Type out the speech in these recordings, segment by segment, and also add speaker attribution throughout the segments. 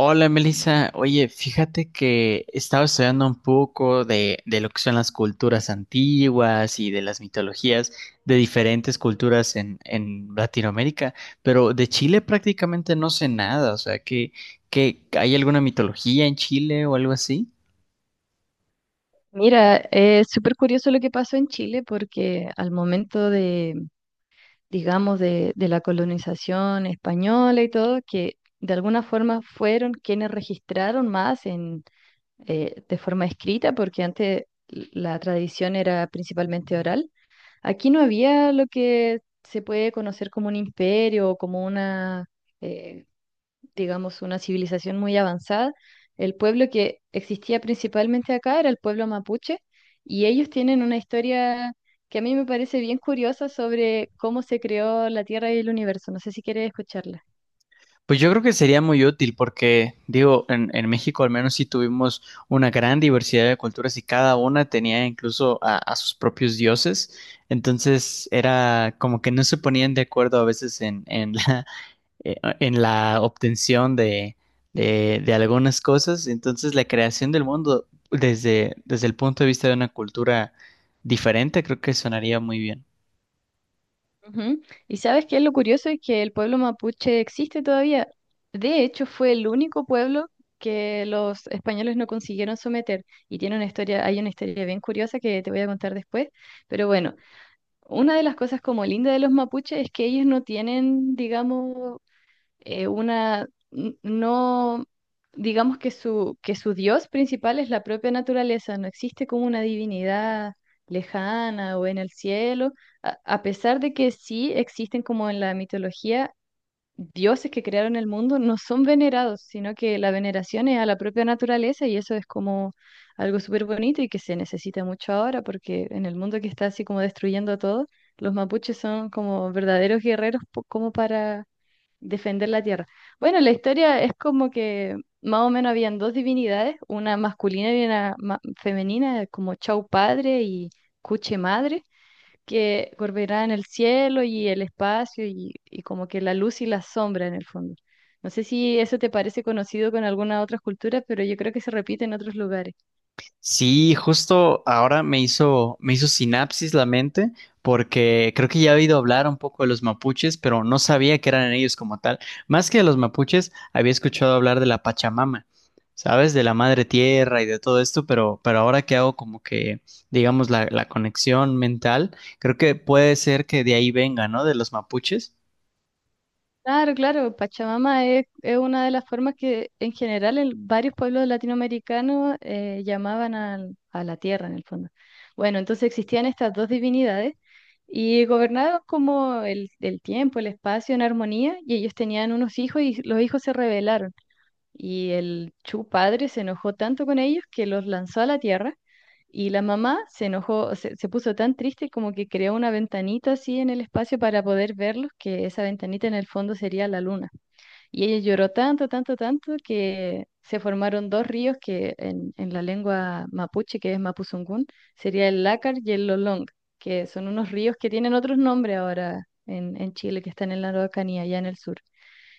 Speaker 1: Hola Melissa, oye, fíjate que estaba estudiando un poco de lo que son las culturas antiguas y de las mitologías de diferentes culturas en Latinoamérica, pero de Chile prácticamente no sé nada, o sea, que, ¿hay alguna mitología en Chile o algo así?
Speaker 2: Mira, es súper curioso lo que pasó en Chile porque al momento digamos, de la colonización española y todo, que de alguna forma fueron quienes registraron más de forma escrita, porque antes la tradición era principalmente oral. Aquí no había lo que se puede conocer como un imperio o como eh, digamos, una civilización muy avanzada. El pueblo que existía principalmente acá era el pueblo mapuche y ellos tienen una historia que a mí me parece bien curiosa sobre cómo se creó la Tierra y el universo. No sé si quieres escucharla.
Speaker 1: Pues yo creo que sería muy útil porque, digo, en México al menos sí tuvimos una gran diversidad de culturas y cada una tenía incluso a sus propios dioses. Entonces era como que no se ponían de acuerdo a veces en la, eh, en la obtención de algunas cosas. Entonces la creación del mundo desde el punto de vista de una cultura diferente creo que sonaría muy bien.
Speaker 2: Ujú. Y sabes qué es lo curioso es que el pueblo mapuche existe todavía. De hecho, fue el único pueblo que los españoles no consiguieron someter. Y tiene una historia, hay una historia bien curiosa que te voy a contar después. Pero bueno, una de las cosas como linda de los mapuches es que ellos no tienen, digamos, una, n- no, digamos que que su dios principal es la propia naturaleza, no existe como una divinidad lejana o en el cielo, a pesar de que sí existen como en la mitología dioses que crearon el mundo no son venerados, sino que la veneración es a la propia naturaleza y eso es como algo súper bonito y que se necesita mucho ahora porque en el mundo que está así como destruyendo todo, los mapuches son como verdaderos como para defender la tierra. Bueno, la historia es como que más o menos habían dos divinidades, una masculina y una femenina, como Chau Padre y Cuche Madre que en el cielo y el espacio y como que la luz y la sombra en el fondo. No sé si eso te parece conocido con alguna otra cultura, pero yo creo que se repite en otros lugares.
Speaker 1: Sí, justo ahora me hizo sinapsis la mente porque creo que ya he oído hablar un poco de los mapuches, pero no sabía que eran ellos como tal. Más que de los mapuches, había escuchado hablar de la Pachamama, ¿sabes? De la madre tierra y de todo esto, pero ahora que hago como que, digamos, la conexión mental, creo que puede ser que de ahí venga, ¿no? De los mapuches.
Speaker 2: Claro, claro, Pachamama es una de las formas que en general en varios pueblos latinoamericanos a la tierra en el fondo. Bueno, entonces existían estas dos divinidades y gobernaban como el tiempo, el espacio en armonía y ellos tenían unos hijos y los hijos se rebelaron. Y el Chu padre se enojó tanto con ellos que los lanzó a la tierra. Y la mamá se enojó, se puso tan triste como que creó una ventanita así en el espacio para poder verlos, que esa ventanita en el fondo sería la luna. Y ella lloró tanto, tanto, tanto que se formaron dos ríos que en la lengua mapuche, que es Mapuzungún, sería el Lácar y el Lolong, que son unos ríos que tienen otros nombres ahora en Chile, que están en la Araucanía, allá en el sur.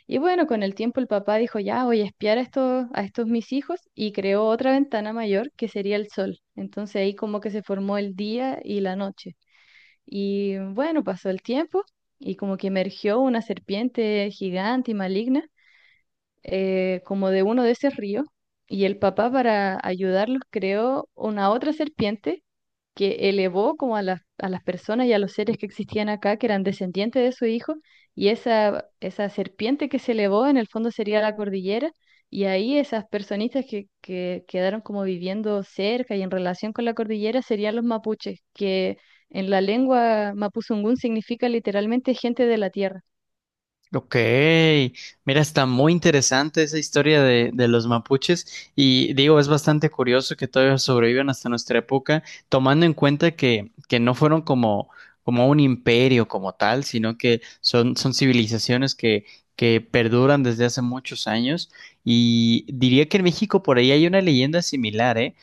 Speaker 2: Y bueno, con el tiempo el papá dijo, ya voy a espiar a estos mis hijos y creó otra ventana mayor que sería el sol. Entonces ahí como que se formó el día y la noche. Y bueno, pasó el tiempo y como que emergió una serpiente gigante y maligna como de uno de esos ríos. Y el papá para ayudarlos creó una otra serpiente que elevó como a a las personas y a los seres que existían acá, que eran descendientes de su hijo, y esa serpiente que se elevó en el fondo sería la cordillera, y ahí esas personitas que quedaron como viviendo cerca y en relación con la cordillera serían los mapuches, que en la lengua mapuzungún significa literalmente gente de la tierra.
Speaker 1: Ok, mira, está muy interesante esa historia de los mapuches y digo, es bastante curioso que todavía sobrevivan hasta nuestra época, tomando en cuenta que no fueron como, como un imperio como tal, sino que son, son civilizaciones que perduran desde hace muchos años y diría que en México por ahí hay una leyenda similar, ¿eh?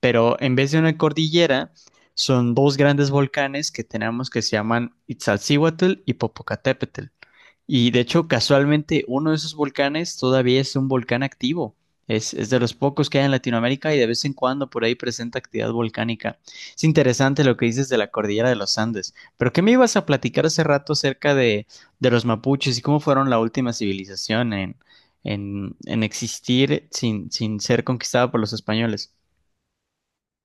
Speaker 1: Pero en vez de una cordillera, son dos grandes volcanes que tenemos que se llaman Itzalcíhuatl y Popocatépetl. Y de hecho, casualmente, uno de esos volcanes todavía es un volcán activo. Es de los pocos que hay en Latinoamérica y de vez en cuando por ahí presenta actividad volcánica. Es interesante lo que dices de la cordillera de los Andes. Pero ¿qué me ibas a platicar hace rato acerca de los mapuches y cómo fueron la última civilización en, en existir sin, sin ser conquistada por los españoles?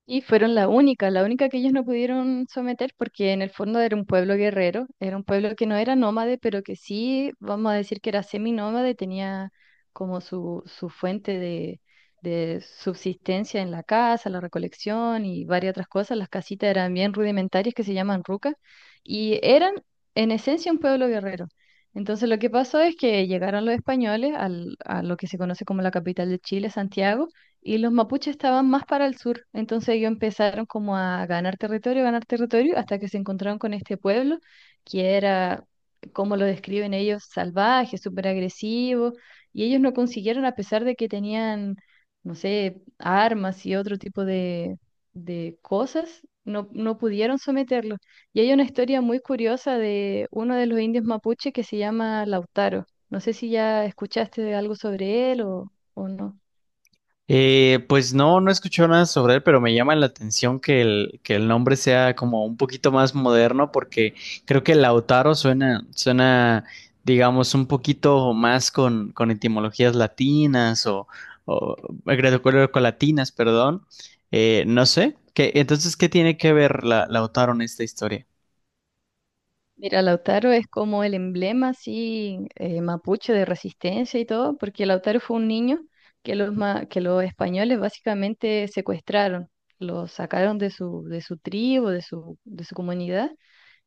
Speaker 2: Y fueron la única que ellos no pudieron someter porque en el fondo era un pueblo guerrero, era un pueblo que no era nómade, pero que sí, vamos a decir que era seminómade, tenía como su fuente de subsistencia en la casa, la recolección y varias otras cosas. Las casitas eran bien rudimentarias que se llaman rucas y eran en esencia un pueblo guerrero. Entonces lo que pasó es que llegaron los españoles a lo que se conoce como la capital de Chile, Santiago, y los mapuches estaban más para el sur. Entonces ellos empezaron como a ganar territorio, hasta que se encontraron con este pueblo, que era, como lo describen ellos, salvaje, súper agresivo, y ellos no consiguieron, a pesar de que tenían, no sé, armas y otro tipo de cosas. No, no pudieron someterlos. Y hay una historia muy curiosa de uno de los indios mapuche que se llama Lautaro. No sé si ya escuchaste algo sobre él o no.
Speaker 1: Pues no, no he escuchado nada sobre él, pero me llama la atención que el nombre sea como un poquito más moderno, porque creo que Lautaro suena, suena, digamos, un poquito más con etimologías latinas o greco-latinas, perdón. No sé. ¿Qué tiene que ver la, Lautaro en esta historia?
Speaker 2: Mira, Lautaro es como el emblema así mapuche de resistencia y todo, porque Lautaro fue un niño que que los españoles básicamente secuestraron, lo sacaron de su tribu, de su comunidad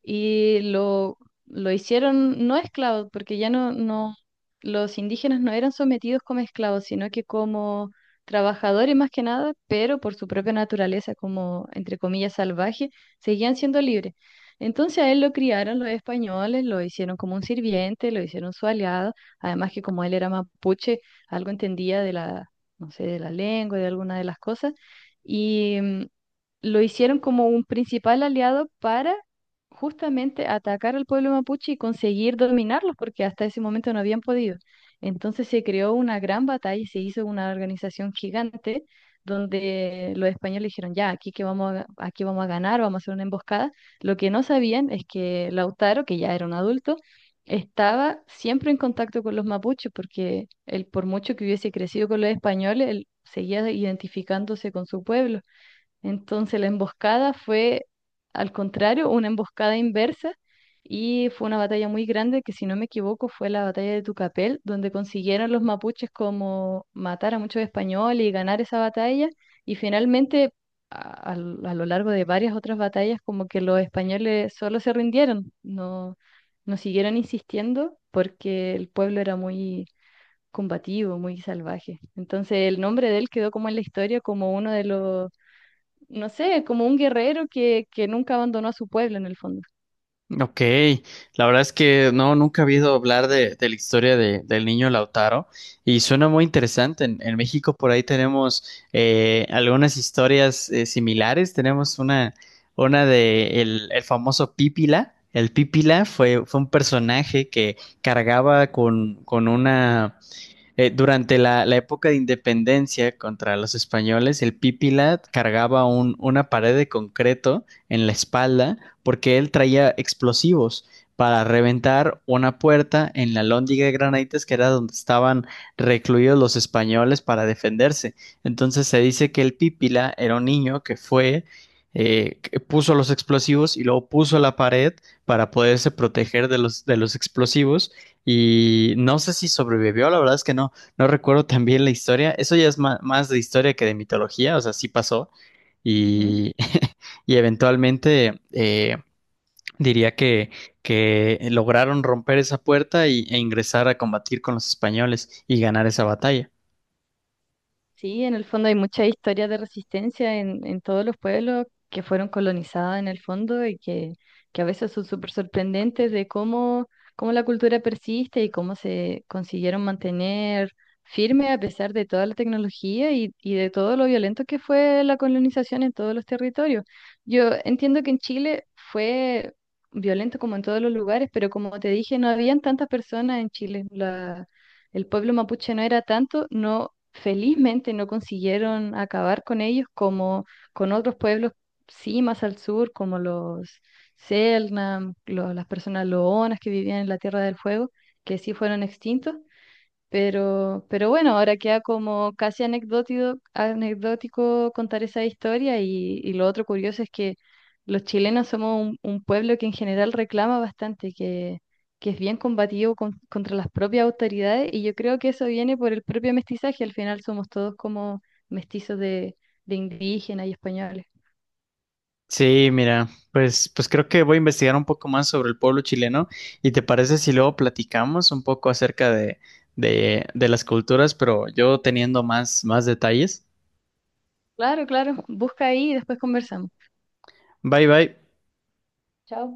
Speaker 2: y lo, lo hicieron no esclavos, porque no, los indígenas no eran sometidos como esclavos, sino que como trabajadores más que nada, pero por su propia naturaleza, como entre comillas salvaje, seguían siendo libres. Entonces a él lo criaron los españoles, lo hicieron como un sirviente, lo hicieron su aliado, además que como él era mapuche, algo entendía de no sé, de la lengua, de alguna de las cosas. Y lo hicieron como un principal aliado para justamente atacar al pueblo mapuche y conseguir dominarlos, porque hasta ese momento no habían podido. Entonces se creó una gran batalla y se hizo una organización gigante donde los españoles dijeron, ya, aquí vamos a ganar, vamos a hacer una emboscada. Lo que no sabían es que Lautaro, que ya era un adulto, estaba siempre en contacto con los mapuches, porque él, por mucho que hubiese crecido con los españoles, él seguía identificándose con su pueblo. Entonces la emboscada fue, al contrario, una emboscada inversa y fue una batalla muy grande que, si no me equivoco, fue la batalla de Tucapel, donde consiguieron los mapuches como matar a muchos españoles y ganar esa batalla. Y finalmente, a lo largo de varias otras batallas, como que los españoles solo se rindieron, no, no siguieron insistiendo porque el pueblo era muy combativo, muy salvaje. Entonces el nombre de él quedó como en la historia como uno de los no sé, como un guerrero que nunca abandonó a su pueblo en el fondo.
Speaker 1: Ok, la verdad es que no, nunca había oído hablar de la historia de- del niño Lautaro y suena muy interesante. En México por ahí tenemos algunas historias similares. Tenemos una de el famoso Pípila. El Pípila fue, fue un personaje que cargaba con una durante la, la época de independencia contra los españoles, el Pípila cargaba un, una pared de concreto en la espalda porque él traía explosivos para reventar una puerta en la lóndiga de Granaditas, que era donde estaban recluidos los españoles para defenderse. Entonces se dice que el Pípila era un niño que fue, que puso los explosivos y luego puso la pared para poderse proteger de los explosivos y no sé si sobrevivió, la verdad es que no, no recuerdo tan bien la historia. Eso ya es ma- más de historia que de mitología, o sea, sí pasó.
Speaker 2: Ujú.
Speaker 1: Y, y eventualmente diría que lograron romper esa puerta y, e ingresar a combatir con los españoles y ganar esa batalla.
Speaker 2: Sí, en el fondo hay mucha historia de resistencia en todos los pueblos que fueron colonizados en el fondo y que a veces son súper sorprendentes de cómo, cómo la cultura persiste y cómo se consiguieron mantener firme a pesar de toda la tecnología y de todo lo violento que fue la colonización en todos los territorios. Yo entiendo que en Chile fue violento como en todos los lugares, pero como te dije, no habían tantas personas en Chile. La, el pueblo mapuche no era tanto, no, felizmente no consiguieron acabar con ellos como con otros pueblos, sí, más al sur, como los Selknam, las personas loonas que vivían en la Tierra del Fuego, que sí fueron extintos, pero bueno, ahora queda como casi anecdótico, anecdótico contar esa historia y lo otro curioso es que los chilenos somos un pueblo que en general reclama bastante, que es bien combativo contra las propias autoridades y yo creo que eso viene por el propio mestizaje, al final somos todos como mestizos de indígenas y españoles.
Speaker 1: Sí, mira, pues, pues creo que voy a investigar un poco más sobre el pueblo chileno. ¿Y te parece si luego platicamos un poco acerca de las culturas, pero yo teniendo más, más detalles?
Speaker 2: Claro, claro, busca ahí y después conversamos.
Speaker 1: Bye bye.
Speaker 2: Chao.